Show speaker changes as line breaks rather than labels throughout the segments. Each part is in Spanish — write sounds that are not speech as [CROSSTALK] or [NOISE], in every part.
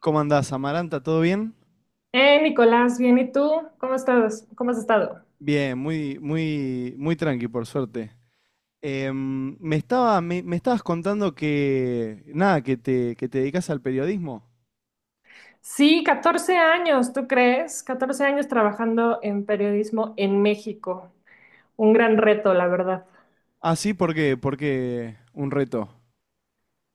¿Cómo andás, Amaranta? ¿Todo bien?
Nicolás, bien, ¿y tú? ¿Cómo estás? ¿Cómo has estado?
Bien, muy tranqui, por suerte. Me estabas contando que, nada, que te dedicas al periodismo.
Sí, 14 años, ¿tú crees? 14 años trabajando en periodismo en México. Un gran reto, la verdad.
Ah, sí, ¿por qué? Porque un reto.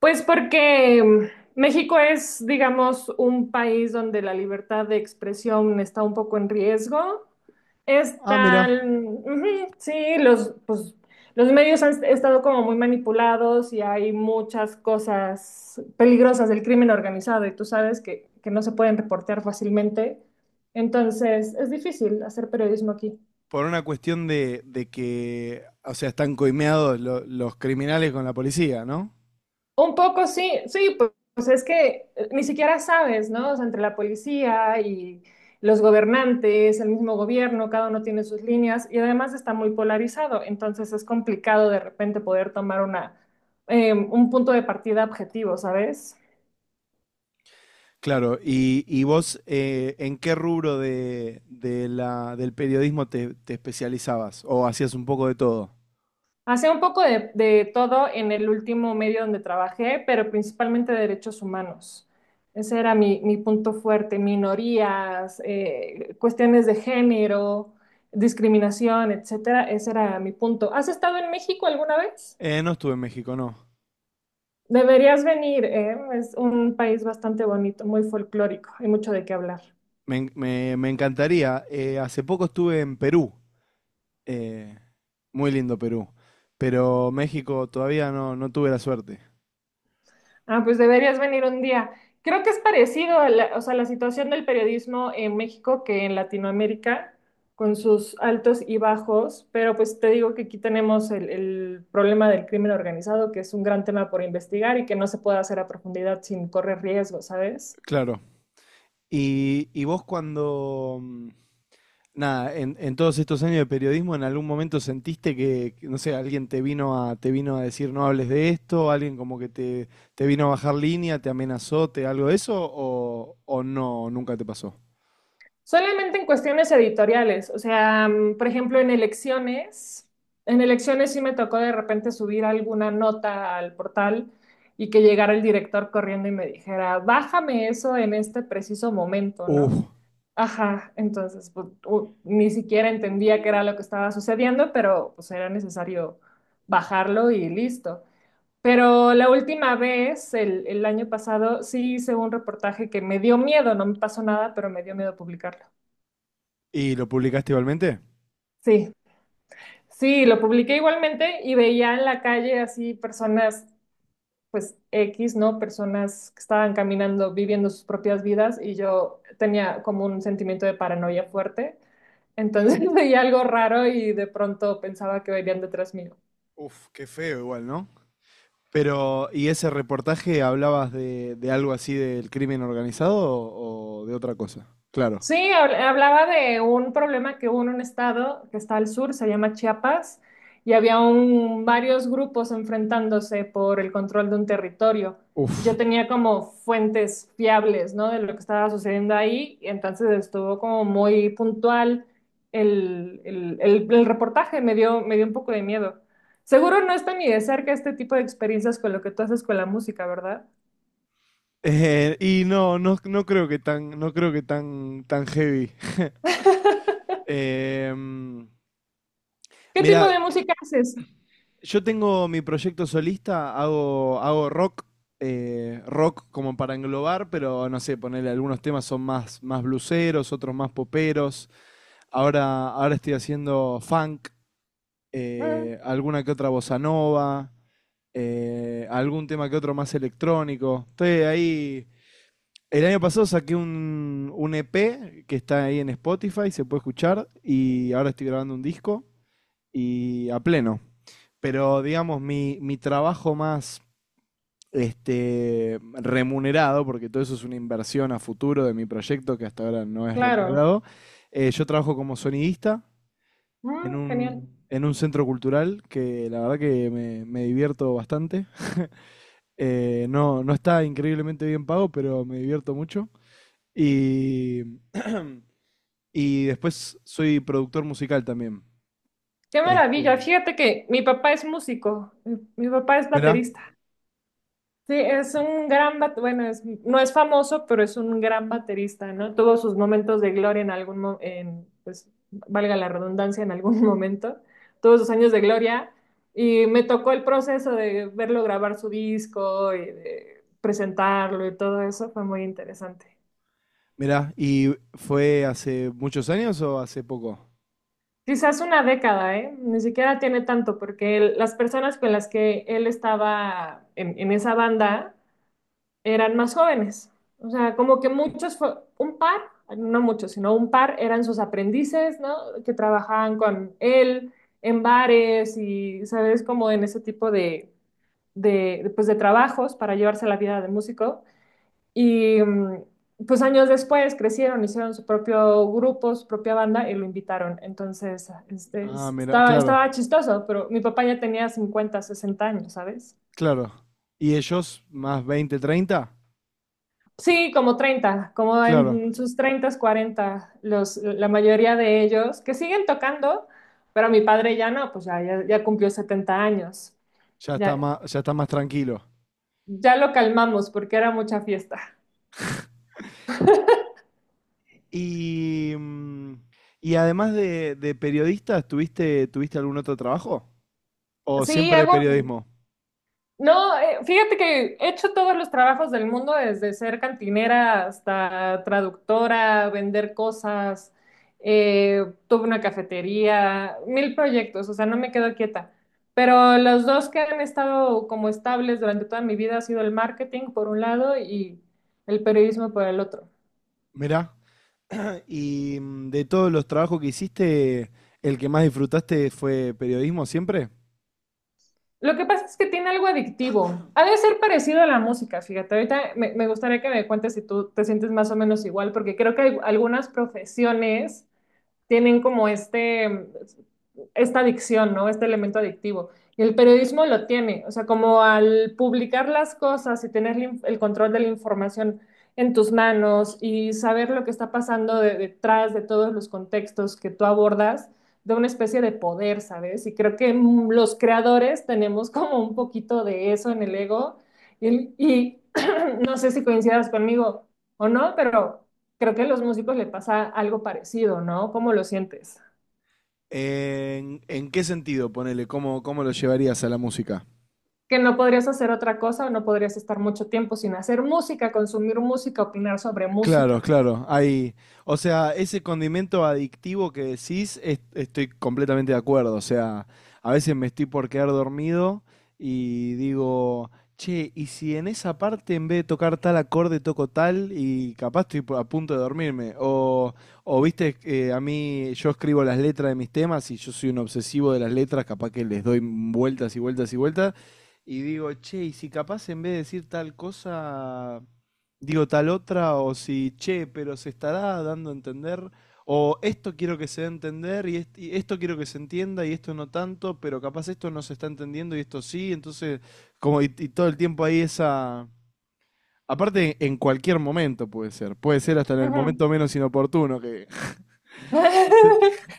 Pues porque México es, digamos, un país donde la libertad de expresión está un poco en riesgo.
Ah, mira,
Están, ujú, sí, los, pues, los medios han estado como muy manipulados y hay muchas cosas peligrosas del crimen organizado y tú sabes que no se pueden reportear fácilmente. Entonces, es difícil hacer periodismo aquí.
por una cuestión de que, o sea, están coimeados los criminales con la policía, ¿no?
Un poco sí, sí, pues es que ni siquiera sabes, ¿no? O sea, entre la policía y los gobernantes, el mismo gobierno, cada uno tiene sus líneas y además está muy polarizado, entonces es complicado de repente poder tomar un punto de partida objetivo, ¿sabes?
Claro, y vos, ¿en qué rubro del periodismo te especializabas? ¿O hacías un poco de todo?
Hacía un poco de todo en el último medio donde trabajé, pero principalmente de derechos humanos. Ese era mi punto fuerte, minorías, cuestiones de género, discriminación, etcétera. Ese era mi punto. ¿Has estado en México alguna vez?
No estuve en México, no.
Deberías venir, ¿eh? Es un país bastante bonito, muy folclórico, hay mucho de qué hablar.
Me encantaría. Hace poco estuve en Perú. eh, Muy lindo Perú. Pero México todavía no, no tuve la suerte.
Ah, pues deberías venir un día. Creo que es parecido a la, o sea, la situación del periodismo en México que en Latinoamérica, con sus altos y bajos, pero pues te digo que aquí tenemos el problema del crimen organizado, que es un gran tema por investigar y que no se puede hacer a profundidad sin correr riesgo, ¿sabes?
Claro. ¿Y vos cuando, nada, en todos estos años de periodismo, ¿en algún momento sentiste que, no sé, alguien te vino a te vino a decir no hables de esto, alguien como que te vino a bajar línea, te amenazó, te algo de eso, o no, nunca te pasó?
Solamente en cuestiones editoriales, o sea, por ejemplo, en elecciones sí me tocó de repente subir alguna nota al portal y que llegara el director corriendo y me dijera, bájame eso en este preciso momento,
Uf,
¿no? Ajá, entonces pues, ni siquiera entendía qué era lo que estaba sucediendo, pero pues era necesario bajarlo y listo. Pero la última vez, el año pasado, sí hice un reportaje que me dio miedo, no me pasó nada, pero me dio miedo publicarlo.
¿y lo publicaste igualmente?
Sí, sí, lo publiqué igualmente y veía en la calle así personas, pues X, ¿no? Personas que estaban caminando, viviendo sus propias vidas y yo tenía como un sentimiento de paranoia fuerte. Entonces [LAUGHS] veía algo raro y de pronto pensaba que venían detrás mío.
Uf, qué feo igual, ¿no? Pero, ¿y ese reportaje hablabas de algo así del crimen organizado o de otra cosa? Claro.
Sí, hablaba de un problema que hubo en un estado que está al sur, se llama Chiapas, y había varios grupos enfrentándose por el control de un territorio. Y
Uf.
yo tenía como fuentes fiables, ¿no? De lo que estaba sucediendo ahí, y entonces estuvo como muy puntual el reportaje, me dio un poco de miedo. Seguro no está ni de cerca este tipo de experiencias con lo que tú haces con la música, ¿verdad?
Y no, no creo que tan, tan heavy.
[LAUGHS]
Eh,
¿Qué tipo
Mira,
de música haces?
yo tengo mi proyecto solista, hago rock, rock como para englobar, pero no sé, ponerle algunos temas son más, más blueseros, otros más poperos. Ahora estoy haciendo funk,
Mm,
alguna que otra bossa nova, algún tema que otro más electrónico. Estoy ahí. El año pasado saqué un EP que está ahí en Spotify, se puede escuchar, y ahora estoy grabando un disco y a pleno. Pero digamos, mi trabajo más este, remunerado, porque todo eso es una inversión a futuro de mi proyecto que hasta ahora no es
claro.
remunerado, yo trabajo como sonidista
Mm, genial.
en un centro cultural que la verdad que me divierto bastante. No, no está increíblemente bien pago, pero me divierto mucho. Y [CLEARS THROAT] y después soy productor musical también.
Qué maravilla.
Este,
Fíjate que mi papá es músico, mi papá es
mirá,
baterista. Sí, es un gran bueno, no es famoso, pero es un gran baterista, ¿no? Tuvo sus momentos de gloria en, pues, valga la redundancia, en algún [LAUGHS] momento, tuvo sus años de gloria y me tocó el proceso de verlo grabar su disco y de presentarlo y todo eso, fue muy interesante.
mirá. ¿Y fue hace muchos años o hace poco?
Quizás una década, ¿eh? Ni siquiera tiene tanto, porque él- las personas con las que él estaba en esa banda eran más jóvenes. O sea, como que muchos, fue, un par, no muchos, sino un par eran sus aprendices, ¿no? Que trabajaban con él en bares y, ¿sabes? Como en ese tipo de trabajos para llevarse la vida de músico. Y pues años después crecieron, hicieron su propio grupo, su propia banda y lo invitaron. Entonces, este,
Ah,
es-
mira,
estaba,
claro,
estaba chistoso, pero mi papá ya tenía 50-60 años, ¿sabes?
claro. ¿Y ellos más 20, treinta?
Sí, como 30 como
Claro,
en sus 30, 40 los, la mayoría de ellos que siguen tocando, pero mi padre ya no, pues ya, ya, ya cumplió 70 años. Ya,
ya está más tranquilo.
ya lo calmamos porque era mucha fiesta.
Y, y además de periodista, ¿tuviste, tuviste algún otro trabajo? ¿O
Sí,
siempre
hago,
periodismo?
no, fíjate que he hecho todos los trabajos del mundo, desde ser cantinera hasta traductora, vender cosas, tuve una cafetería, mil proyectos, o sea, no me quedo quieta. Pero los dos que han estado como estables durante toda mi vida ha sido el marketing por un lado y el periodismo por el otro.
Mirá, y de todos los trabajos que hiciste, ¿el que más disfrutaste fue periodismo siempre?
Lo que pasa es que tiene algo adictivo. Ha de ser parecido a la música, fíjate. Ahorita me gustaría que me cuentes si tú te sientes más o menos igual, porque creo que hay algunas profesiones tienen como esta adicción, ¿no? Este elemento adictivo. Y el periodismo lo tiene, o sea, como al publicar las cosas y tener el control de la información en tus manos y saber lo que está pasando detrás de todos los contextos que tú abordas, de una especie de poder, ¿sabes? Y creo que los creadores tenemos como un poquito de eso en el ego y [CLEARS THROAT] [COUGHS] no sé si coincidas conmigo o no, pero creo que a los músicos le pasa algo parecido, ¿no? ¿Cómo lo sientes?
¿En qué sentido, ponele? ¿Cómo lo llevarías a la música?
Que no podrías hacer otra cosa, no podrías estar mucho tiempo sin hacer música, consumir música, opinar sobre
Claro,
música.
claro. Hay, o sea, ese condimento adictivo que decís, estoy completamente de acuerdo. O sea, a veces me estoy por quedar dormido y digo, che, ¿y si en esa parte en vez de tocar tal acorde toco tal y capaz estoy a punto de dormirme? O viste, a mí yo escribo las letras de mis temas y yo soy un obsesivo de las letras, capaz que les doy vueltas y vueltas y vueltas. Y digo, che, ¿y si capaz en vez de decir tal cosa digo tal otra, o si, che, pero se estará dando a entender, o esto quiero que se dé a entender, y esto quiero que se entienda, y esto no tanto, pero capaz esto no se está entendiendo y esto sí, entonces, como y todo el tiempo ahí esa... Aparte, en cualquier momento puede ser hasta en el
Ujú.
momento menos inoportuno que... [LAUGHS] que se te-
[LAUGHS]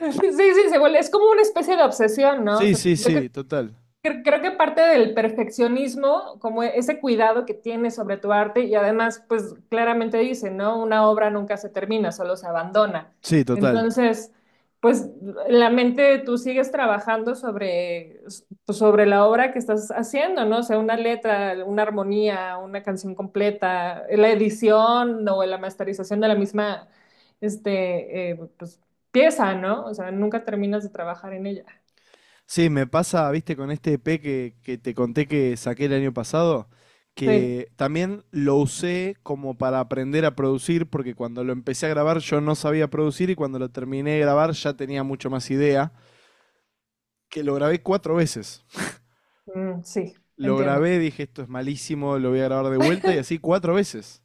Sí, sí, es como una especie de obsesión, ¿no? O
Sí,
sea,
sí,
yo Cre-
sí, total,
Creo que parte del perfeccionismo, como ese cuidado que tienes sobre tu arte, y además, pues claramente dice, ¿no? Una obra nunca se termina, solo se abandona.
sí, total.
Entonces, pues la mente tú sigues trabajando sobre, pues, sobre la obra que estás haciendo, ¿no? O sea, una letra, una armonía, una canción completa, la edición o la masterización de la misma, este, pues, pieza, ¿no? O sea, nunca terminas de trabajar en ella.
Sí, me pasa, viste, con este EP que te conté que saqué el año pasado,
Sí,
que también lo usé como para aprender a producir, porque cuando lo empecé a grabar yo no sabía producir y cuando lo terminé de grabar ya tenía mucho más idea, que lo grabé cuatro veces.
mm, sí,
Lo
entiendo.
grabé, dije, esto es malísimo, lo voy a grabar de vuelta y así cuatro veces.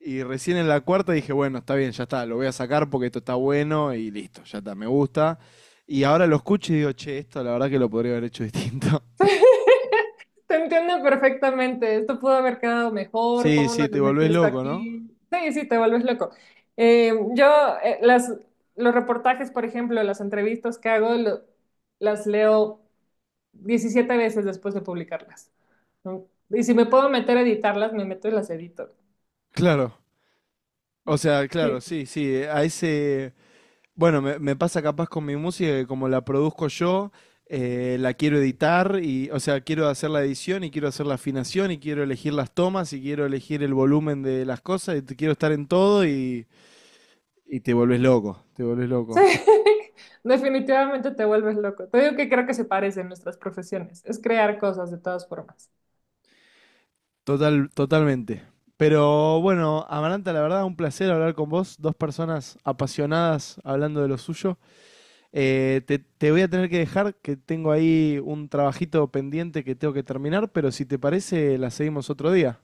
Y recién en la cuarta dije, bueno, está bien, ya está, lo voy a sacar porque esto está bueno y listo, ya está, me gusta. Y ahora lo escucho y digo, che, esto la verdad que lo podría haber hecho [LAUGHS] distinto.
[LAUGHS] Te entiendo perfectamente. Esto pudo haber quedado mejor.
Sí,
¿Cómo no
sí,
le
te
metí
volvés
esto
loco, ¿no?
aquí? Sí, sí, te vuelves loco. Yo, eh, las, los reportajes, por ejemplo, las entrevistas que hago, las leo 17 veces después de publicarlas, ¿no? Y si me puedo meter a editarlas, me meto y las edito.
Claro. O sea, claro,
Sí,
sí, sí. A ese. Bueno, me pasa capaz con mi música que como la produzco yo, la quiero editar y, o sea, quiero hacer la edición y quiero hacer la afinación y quiero elegir las tomas y quiero elegir el volumen de las cosas quiero estar en todo y te volvés loco, te volvés
sí,
loco.
[LAUGHS] definitivamente te vuelves loco. Te digo que creo que se parecen nuestras profesiones. Es crear cosas de todas formas.
Total, totalmente. Pero bueno, Amaranta, la verdad, un placer hablar con vos, dos personas apasionadas hablando de lo suyo. Te voy a tener que dejar, que tengo ahí un trabajito pendiente que tengo que terminar, pero si te parece, la seguimos otro día.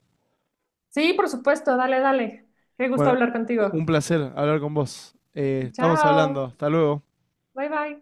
Sí, por supuesto. Dale, dale. Qué gusto
Bueno,
hablar contigo.
un placer hablar con vos. Estamos hablando.
Chao.
Hasta luego.
Bye bye.